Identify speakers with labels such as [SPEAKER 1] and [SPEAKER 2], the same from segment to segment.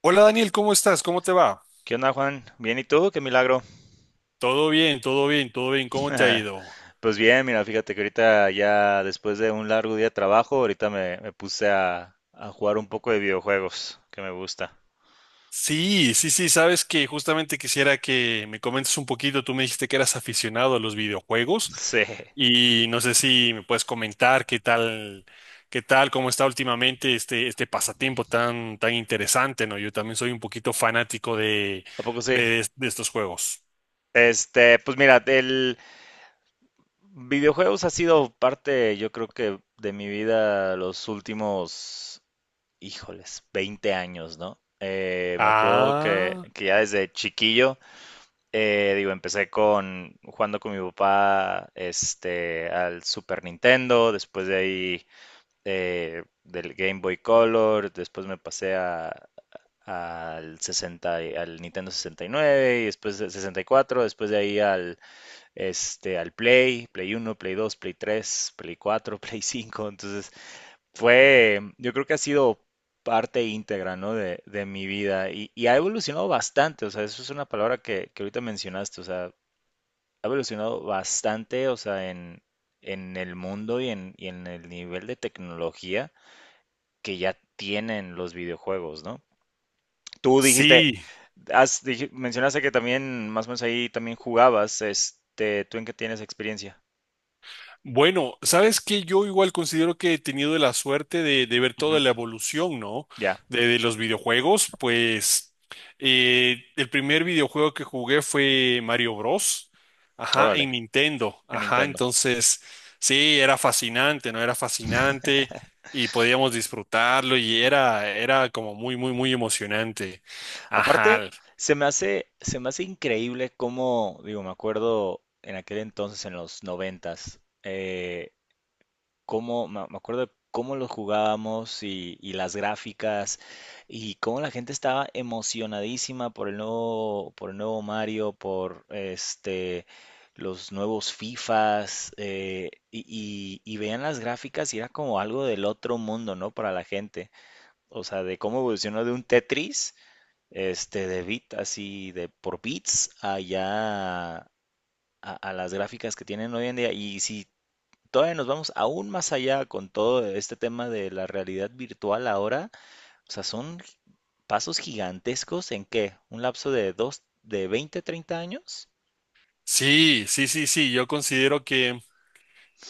[SPEAKER 1] Hola, Daniel, ¿cómo estás? ¿Cómo te va?
[SPEAKER 2] ¿Qué onda, Juan? Bien, ¿y tú? Qué milagro.
[SPEAKER 1] Todo bien, todo bien, todo bien. ¿Cómo te ha ido?
[SPEAKER 2] Pues bien, mira, fíjate que ahorita ya después de un largo día de trabajo, ahorita me puse a jugar un poco de videojuegos, que me gusta.
[SPEAKER 1] Sí, sí, sí, sabes que justamente quisiera que me comentes un poquito. Tú me dijiste que eras aficionado a los videojuegos
[SPEAKER 2] Sí,
[SPEAKER 1] y no sé si me puedes comentar qué tal, cómo está últimamente este pasatiempo tan, tan interesante, ¿no? Yo también soy un poquito fanático de,
[SPEAKER 2] ¿a poco sí?
[SPEAKER 1] de estos juegos.
[SPEAKER 2] Pues mira, el videojuegos ha sido parte, yo creo que de mi vida híjoles, 20 años, ¿no? Me acuerdo que,
[SPEAKER 1] Ah,
[SPEAKER 2] que ya desde chiquillo. Digo, empecé con jugando con mi papá, este, al Super Nintendo. Después de ahí, del Game Boy Color, después me pasé al 60, al Nintendo 69, y nueve, y después al 64. Después de ahí al, este, al Play, Play 1, Play 2, Play 3, Play 4, Play 5. Entonces fue, yo creo que ha sido parte íntegra, ¿no?, de mi vida, y ha evolucionado bastante. O sea, eso es una palabra que ahorita mencionaste. O sea, ha evolucionado bastante, o sea, en el mundo y en el nivel de tecnología que ya tienen los videojuegos, ¿no? Tú dijiste,
[SPEAKER 1] sí.
[SPEAKER 2] has, mencionaste que también, más o menos ahí también jugabas, este, ¿tú en qué tienes experiencia?
[SPEAKER 1] Bueno, sabes que yo igual considero que he tenido la suerte de ver
[SPEAKER 2] Ujú.
[SPEAKER 1] toda la evolución, ¿no?
[SPEAKER 2] Ya,
[SPEAKER 1] De los videojuegos, pues el primer videojuego que jugué fue Mario Bros. Ajá,
[SPEAKER 2] órale,
[SPEAKER 1] en Nintendo.
[SPEAKER 2] en
[SPEAKER 1] Ajá,
[SPEAKER 2] Nintendo.
[SPEAKER 1] entonces sí, era fascinante, ¿no? Era fascinante y podíamos disfrutarlo y era como muy, muy, muy emocionante. Ajá,
[SPEAKER 2] Aparte, se me hace increíble cómo, digo, me acuerdo en aquel entonces, en los noventas, cómo, me acuerdo de cómo lo jugábamos, y las gráficas, y cómo la gente estaba emocionadísima por el nuevo Mario, por este, los nuevos FIFAs, y, y veían las gráficas y era como algo del otro mundo, ¿no? Para la gente. O sea, de cómo evolucionó de un Tetris, este, de bit, así, de por bits, allá a las gráficas que tienen hoy en día. Y si, todavía nos vamos aún más allá con todo este tema de la realidad virtual ahora. O sea, son pasos gigantescos en ¿qué? ¿Un lapso de dos, de 20, 30 años?
[SPEAKER 1] sí, sí, sí, sí, yo considero que.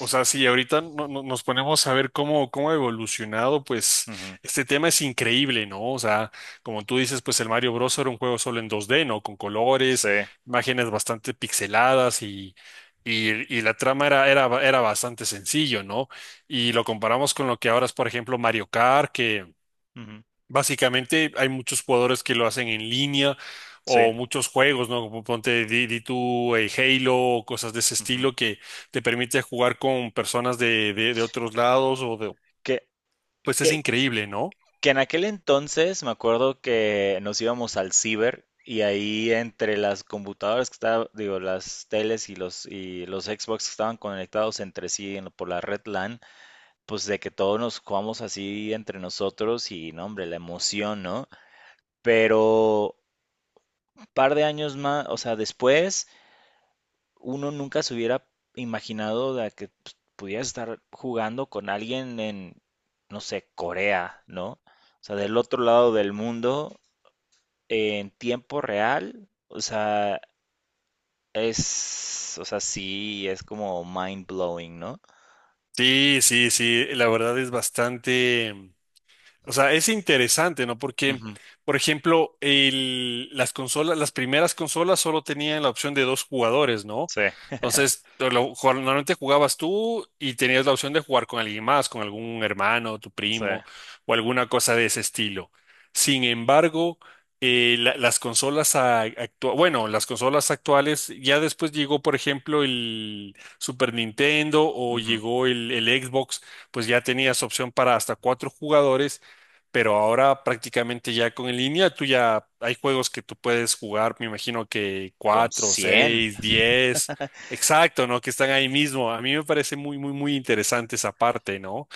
[SPEAKER 1] O sea, si ahorita nos ponemos a ver cómo ha evolucionado, pues
[SPEAKER 2] Ujú.
[SPEAKER 1] este tema es increíble, ¿no? O sea, como tú dices, pues el Mario Bros. Era un juego solo en 2D, ¿no? Con
[SPEAKER 2] Sí,
[SPEAKER 1] colores, imágenes bastante pixeladas y la trama era bastante sencillo, ¿no? Y lo comparamos con lo que ahora es, por ejemplo, Mario Kart.
[SPEAKER 2] ujú,
[SPEAKER 1] Básicamente hay muchos jugadores que lo hacen en línea
[SPEAKER 2] sí.
[SPEAKER 1] o muchos juegos, ¿no? Como Ponte di tú Halo o cosas de ese
[SPEAKER 2] Ujú.
[SPEAKER 1] estilo que te permite jugar con personas de, de otros lados o de...
[SPEAKER 2] Que,
[SPEAKER 1] Pues es
[SPEAKER 2] que,
[SPEAKER 1] increíble, ¿no?
[SPEAKER 2] que en aquel entonces me acuerdo que nos íbamos al ciber, y ahí entre las computadoras que estaban, digo, las teles y los Xbox que estaban conectados entre sí por la red LAN, pues de que todos nos jugamos así entre nosotros, y no, hombre, la emoción, ¿no? Pero un par de años más, o sea, después, uno nunca se hubiera imaginado de que pues, pudieras estar jugando con alguien en, no sé, Corea, ¿no? O sea, del otro lado del mundo, en tiempo real. O sea, es, o sea, sí, es como mind blowing, ¿no?
[SPEAKER 1] Sí, sí, sí, la verdad es bastante... O sea, es interesante, ¿no? Porque,
[SPEAKER 2] Ujú.
[SPEAKER 1] por ejemplo, las consolas, las primeras consolas solo tenían la opción de dos jugadores, ¿no?
[SPEAKER 2] Sí,
[SPEAKER 1] Entonces, normalmente jugabas tú y tenías la opción de jugar con alguien más, con algún hermano, tu
[SPEAKER 2] sí.
[SPEAKER 1] primo o alguna cosa de ese estilo. Sin embargo, las consolas actuales, bueno, las consolas actuales, ya después llegó, por ejemplo, el Super Nintendo o
[SPEAKER 2] Ujú.
[SPEAKER 1] llegó el Xbox. Pues ya tenías opción para hasta cuatro jugadores, pero ahora prácticamente ya con en línea, tú ya hay juegos que tú puedes jugar, me imagino que
[SPEAKER 2] Con
[SPEAKER 1] cuatro,
[SPEAKER 2] cien.
[SPEAKER 1] seis, 10. Exacto, ¿no? Que están ahí mismo. A mí me parece muy, muy, muy interesante esa parte, ¿no?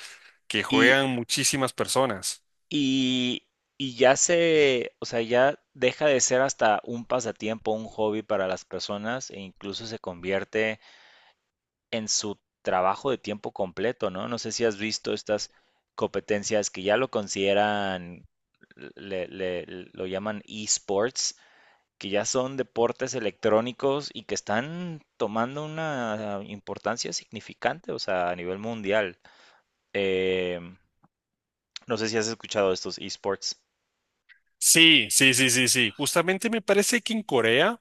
[SPEAKER 1] Que juegan muchísimas personas.
[SPEAKER 2] Y, y ya se, o sea, ya deja de ser hasta un pasatiempo, un hobby para las personas, e incluso se convierte en su trabajo de tiempo completo, ¿no? No sé si has visto estas competencias que ya lo consideran, le- le- lo llaman esports, que ya son deportes electrónicos y que están tomando una importancia significante, o sea, a nivel mundial. Em, no sé si has escuchado de estos esports.
[SPEAKER 1] Sí, sí, sí, sí, sí. Justamente me parece que en Corea,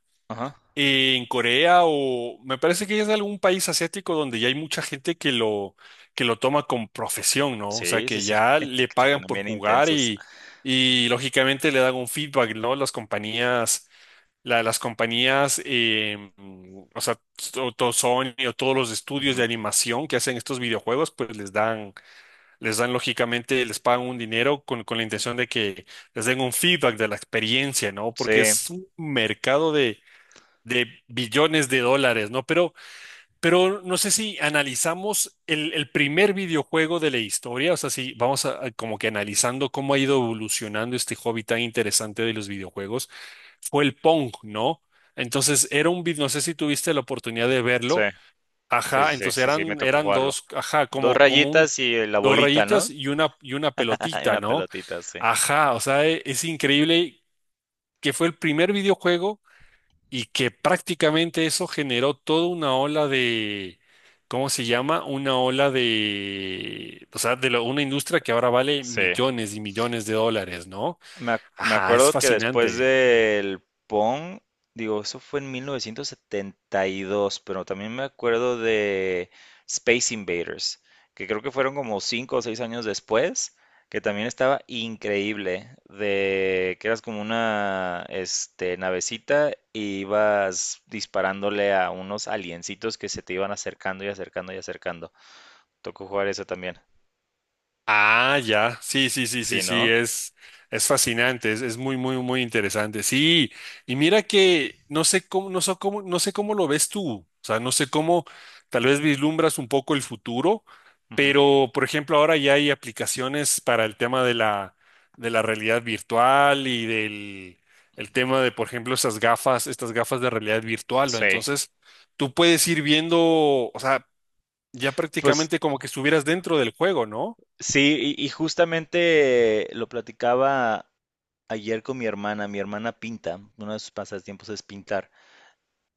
[SPEAKER 1] o me parece que es algún país asiático donde ya hay mucha gente que lo toma con profesión, ¿no? O sea,
[SPEAKER 2] Sí, sí,
[SPEAKER 1] que
[SPEAKER 2] sí,
[SPEAKER 1] ya
[SPEAKER 2] que
[SPEAKER 1] le
[SPEAKER 2] se
[SPEAKER 1] pagan
[SPEAKER 2] ponen
[SPEAKER 1] por
[SPEAKER 2] bien
[SPEAKER 1] jugar
[SPEAKER 2] intensos.
[SPEAKER 1] y, lógicamente le dan un feedback, ¿no? Las compañías, las compañías, o sea, Sony o todos los estudios
[SPEAKER 2] Ujú.
[SPEAKER 1] de animación que hacen estos videojuegos, pues les dan lógicamente, les pagan un dinero con la intención de que les den un feedback de la experiencia, ¿no? Porque
[SPEAKER 2] Sí,
[SPEAKER 1] es un mercado de billones de dólares, ¿no? Pero no sé si analizamos el primer videojuego de la historia, o sea, si vamos a como que analizando cómo ha ido evolucionando este hobby tan interesante de los videojuegos, fue el Pong, ¿no? Entonces era un video, no sé si tuviste la oportunidad de
[SPEAKER 2] sí,
[SPEAKER 1] verlo,
[SPEAKER 2] sí, sí,
[SPEAKER 1] ajá,
[SPEAKER 2] sí,
[SPEAKER 1] entonces
[SPEAKER 2] sí, sí, me
[SPEAKER 1] eran,
[SPEAKER 2] tocó
[SPEAKER 1] eran
[SPEAKER 2] jugarlo.
[SPEAKER 1] dos, ajá,
[SPEAKER 2] Dos
[SPEAKER 1] como,
[SPEAKER 2] rayitas y la
[SPEAKER 1] dos
[SPEAKER 2] bolita,
[SPEAKER 1] rayitas
[SPEAKER 2] ¿no?
[SPEAKER 1] y una
[SPEAKER 2] Y
[SPEAKER 1] pelotita,
[SPEAKER 2] una
[SPEAKER 1] ¿no?
[SPEAKER 2] pelotita, sí.
[SPEAKER 1] Ajá, o sea, es increíble que fue el primer videojuego y que prácticamente eso generó toda una ola de, ¿cómo se llama? Una ola de, o sea, una industria que ahora vale
[SPEAKER 2] Sí,
[SPEAKER 1] millones y millones de dólares, ¿no?
[SPEAKER 2] Me
[SPEAKER 1] Ajá, es
[SPEAKER 2] acuerdo que después
[SPEAKER 1] fascinante.
[SPEAKER 2] del Pong, digo, eso fue en 1972, pero también me acuerdo de Space Invaders, que creo que fueron como cinco o seis años después, que también estaba increíble, de que eras como una, este, navecita, y ibas disparándole a unos aliencitos que se te iban acercando y acercando y acercando. Tocó jugar eso también.
[SPEAKER 1] Ah, ya, sí, sí, sí, sí,
[SPEAKER 2] Sí,
[SPEAKER 1] sí,
[SPEAKER 2] ¿no?
[SPEAKER 1] es, fascinante, es muy, muy, muy interesante. Sí, y mira que no sé cómo, no sé cómo, no sé cómo lo ves tú, o sea, no sé cómo tal vez vislumbras un poco el futuro,
[SPEAKER 2] Ujú.
[SPEAKER 1] pero, por ejemplo, ahora ya hay aplicaciones para el tema de la realidad virtual y del el tema de, por ejemplo, esas gafas, estas gafas de realidad virtual, ¿no?
[SPEAKER 2] Sí.
[SPEAKER 1] Entonces, tú puedes ir viendo, o sea, ya
[SPEAKER 2] Pues
[SPEAKER 1] prácticamente como que estuvieras dentro del juego, ¿no?
[SPEAKER 2] sí, y justamente lo platicaba ayer con mi hermana. Mi hermana pinta, uno de sus pasatiempos es pintar.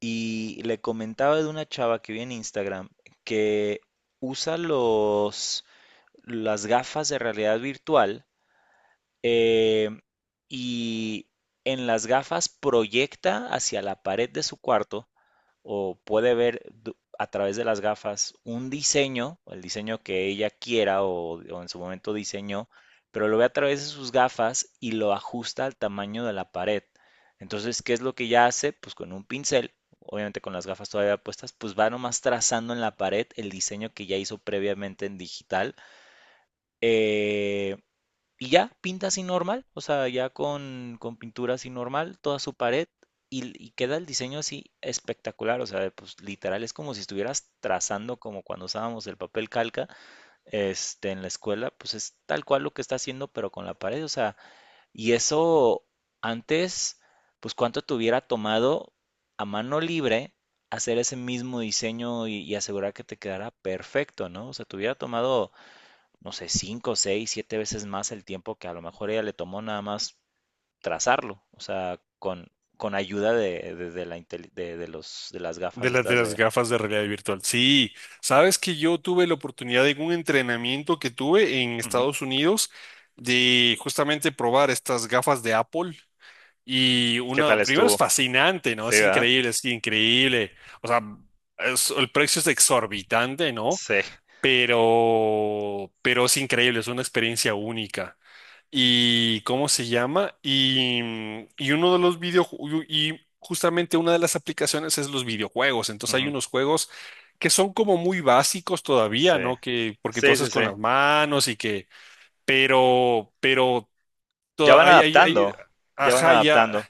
[SPEAKER 2] Y le comentaba de una chava que vi en Instagram que usa las gafas de realidad virtual, eh, y en las gafas proyecta hacia la pared de su cuarto, o puede ver a través de las gafas un diseño, el diseño que ella quiera o en su momento diseñó, pero lo ve a través de sus gafas y lo ajusta al tamaño de la pared. Entonces, ¿qué es lo que ella hace? Pues con un pincel, obviamente con las gafas todavía puestas, pues va nomás trazando en la pared el diseño que ya hizo previamente en digital. Eh, y ya, pinta así normal, o sea, ya con pintura así normal, toda su pared, y queda el diseño así espectacular. O sea, pues literal es como si estuvieras trazando como cuando usábamos el papel calca, este, en la escuela. Pues es tal cual lo que está haciendo, pero con la pared. O sea, y eso antes, pues cuánto te hubiera tomado a mano libre hacer ese mismo diseño, y asegurar que te quedara perfecto, ¿no? O sea, te hubiera tomado no sé, cinco, seis, siete veces más el tiempo que a lo mejor ella le tomó nada más trazarlo. O sea, con ayuda de las gafas
[SPEAKER 1] De las de
[SPEAKER 2] estas
[SPEAKER 1] las
[SPEAKER 2] de...
[SPEAKER 1] gafas de realidad virtual. Sí, sabes que yo tuve la oportunidad de un entrenamiento que tuve en
[SPEAKER 2] Ujú.
[SPEAKER 1] Estados Unidos de justamente probar estas gafas de Apple. Y
[SPEAKER 2] ¿Qué tal
[SPEAKER 1] una, primero es
[SPEAKER 2] estuvo?
[SPEAKER 1] fascinante, ¿no?
[SPEAKER 2] Sí,
[SPEAKER 1] Es
[SPEAKER 2] ¿verdad?
[SPEAKER 1] increíble, es increíble. O sea, el precio es exorbitante, ¿no?
[SPEAKER 2] Sí,
[SPEAKER 1] Pero es increíble, es una experiencia única. ¿Y cómo se llama? Y uno de los videojuegos, y justamente una de las aplicaciones es los videojuegos. Entonces hay unos juegos que son como muy básicos todavía,
[SPEAKER 2] sí.
[SPEAKER 1] ¿no? Que, porque tú haces con las manos y que, pero hay,
[SPEAKER 2] Ya
[SPEAKER 1] ajá, ya.
[SPEAKER 2] no.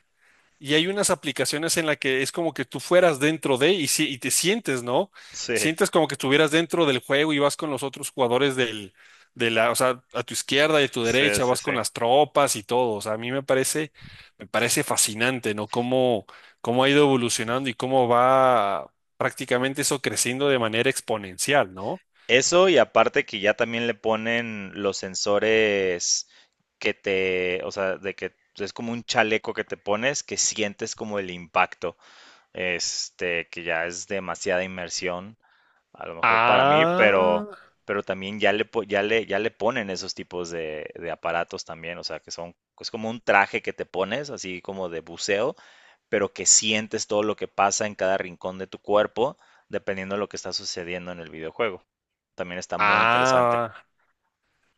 [SPEAKER 1] Y hay unas aplicaciones en las que es como que tú fueras dentro de y, y te sientes, ¿no?
[SPEAKER 2] Sí,
[SPEAKER 1] Sientes como que estuvieras dentro del juego y vas con los otros jugadores del, de la, o sea, a tu izquierda y a tu
[SPEAKER 2] sí,
[SPEAKER 1] derecha,
[SPEAKER 2] sí,
[SPEAKER 1] vas
[SPEAKER 2] sí.
[SPEAKER 1] con las tropas y todo. O sea, a mí me parece fascinante, ¿no? Cómo ha ido evolucionando y cómo va prácticamente eso creciendo de manera exponencial, ¿no?
[SPEAKER 2] Eso, y aparte que ya también le ponen los sensores que te, o sea, de que es como un chaleco que te pones que sientes como el impacto, este, que ya es demasiada inmersión a lo mejor para mí,
[SPEAKER 1] Ah,
[SPEAKER 2] pero también ya le, ya le, ya le ponen esos tipos de aparatos también. O sea, que son, es como un traje que te pones, así como de buceo, pero que sientes todo lo que pasa en cada rincón de tu cuerpo, dependiendo de lo que está sucediendo en el videojuego. También está muy interesante.
[SPEAKER 1] ah,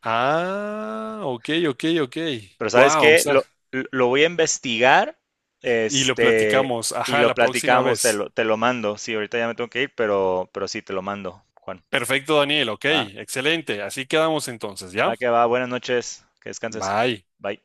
[SPEAKER 1] ah, ok, ok, ok.
[SPEAKER 2] Pero ¿sabes
[SPEAKER 1] Wow,
[SPEAKER 2] qué? Lo, lo voy a investigar,
[SPEAKER 1] y lo
[SPEAKER 2] este,
[SPEAKER 1] platicamos.
[SPEAKER 2] y
[SPEAKER 1] Ajá,
[SPEAKER 2] lo
[SPEAKER 1] la próxima
[SPEAKER 2] platicamos,
[SPEAKER 1] vez.
[SPEAKER 2] te lo mando. Sí, ahorita ya me tengo que ir, pero sí, te lo mando, Juan.
[SPEAKER 1] Perfecto, Daniel. Ok,
[SPEAKER 2] ¿Va?
[SPEAKER 1] excelente. Así quedamos entonces,
[SPEAKER 2] Va
[SPEAKER 1] ¿ya?
[SPEAKER 2] que va, buenas noches, que descanses.
[SPEAKER 1] Bye.
[SPEAKER 2] Bye.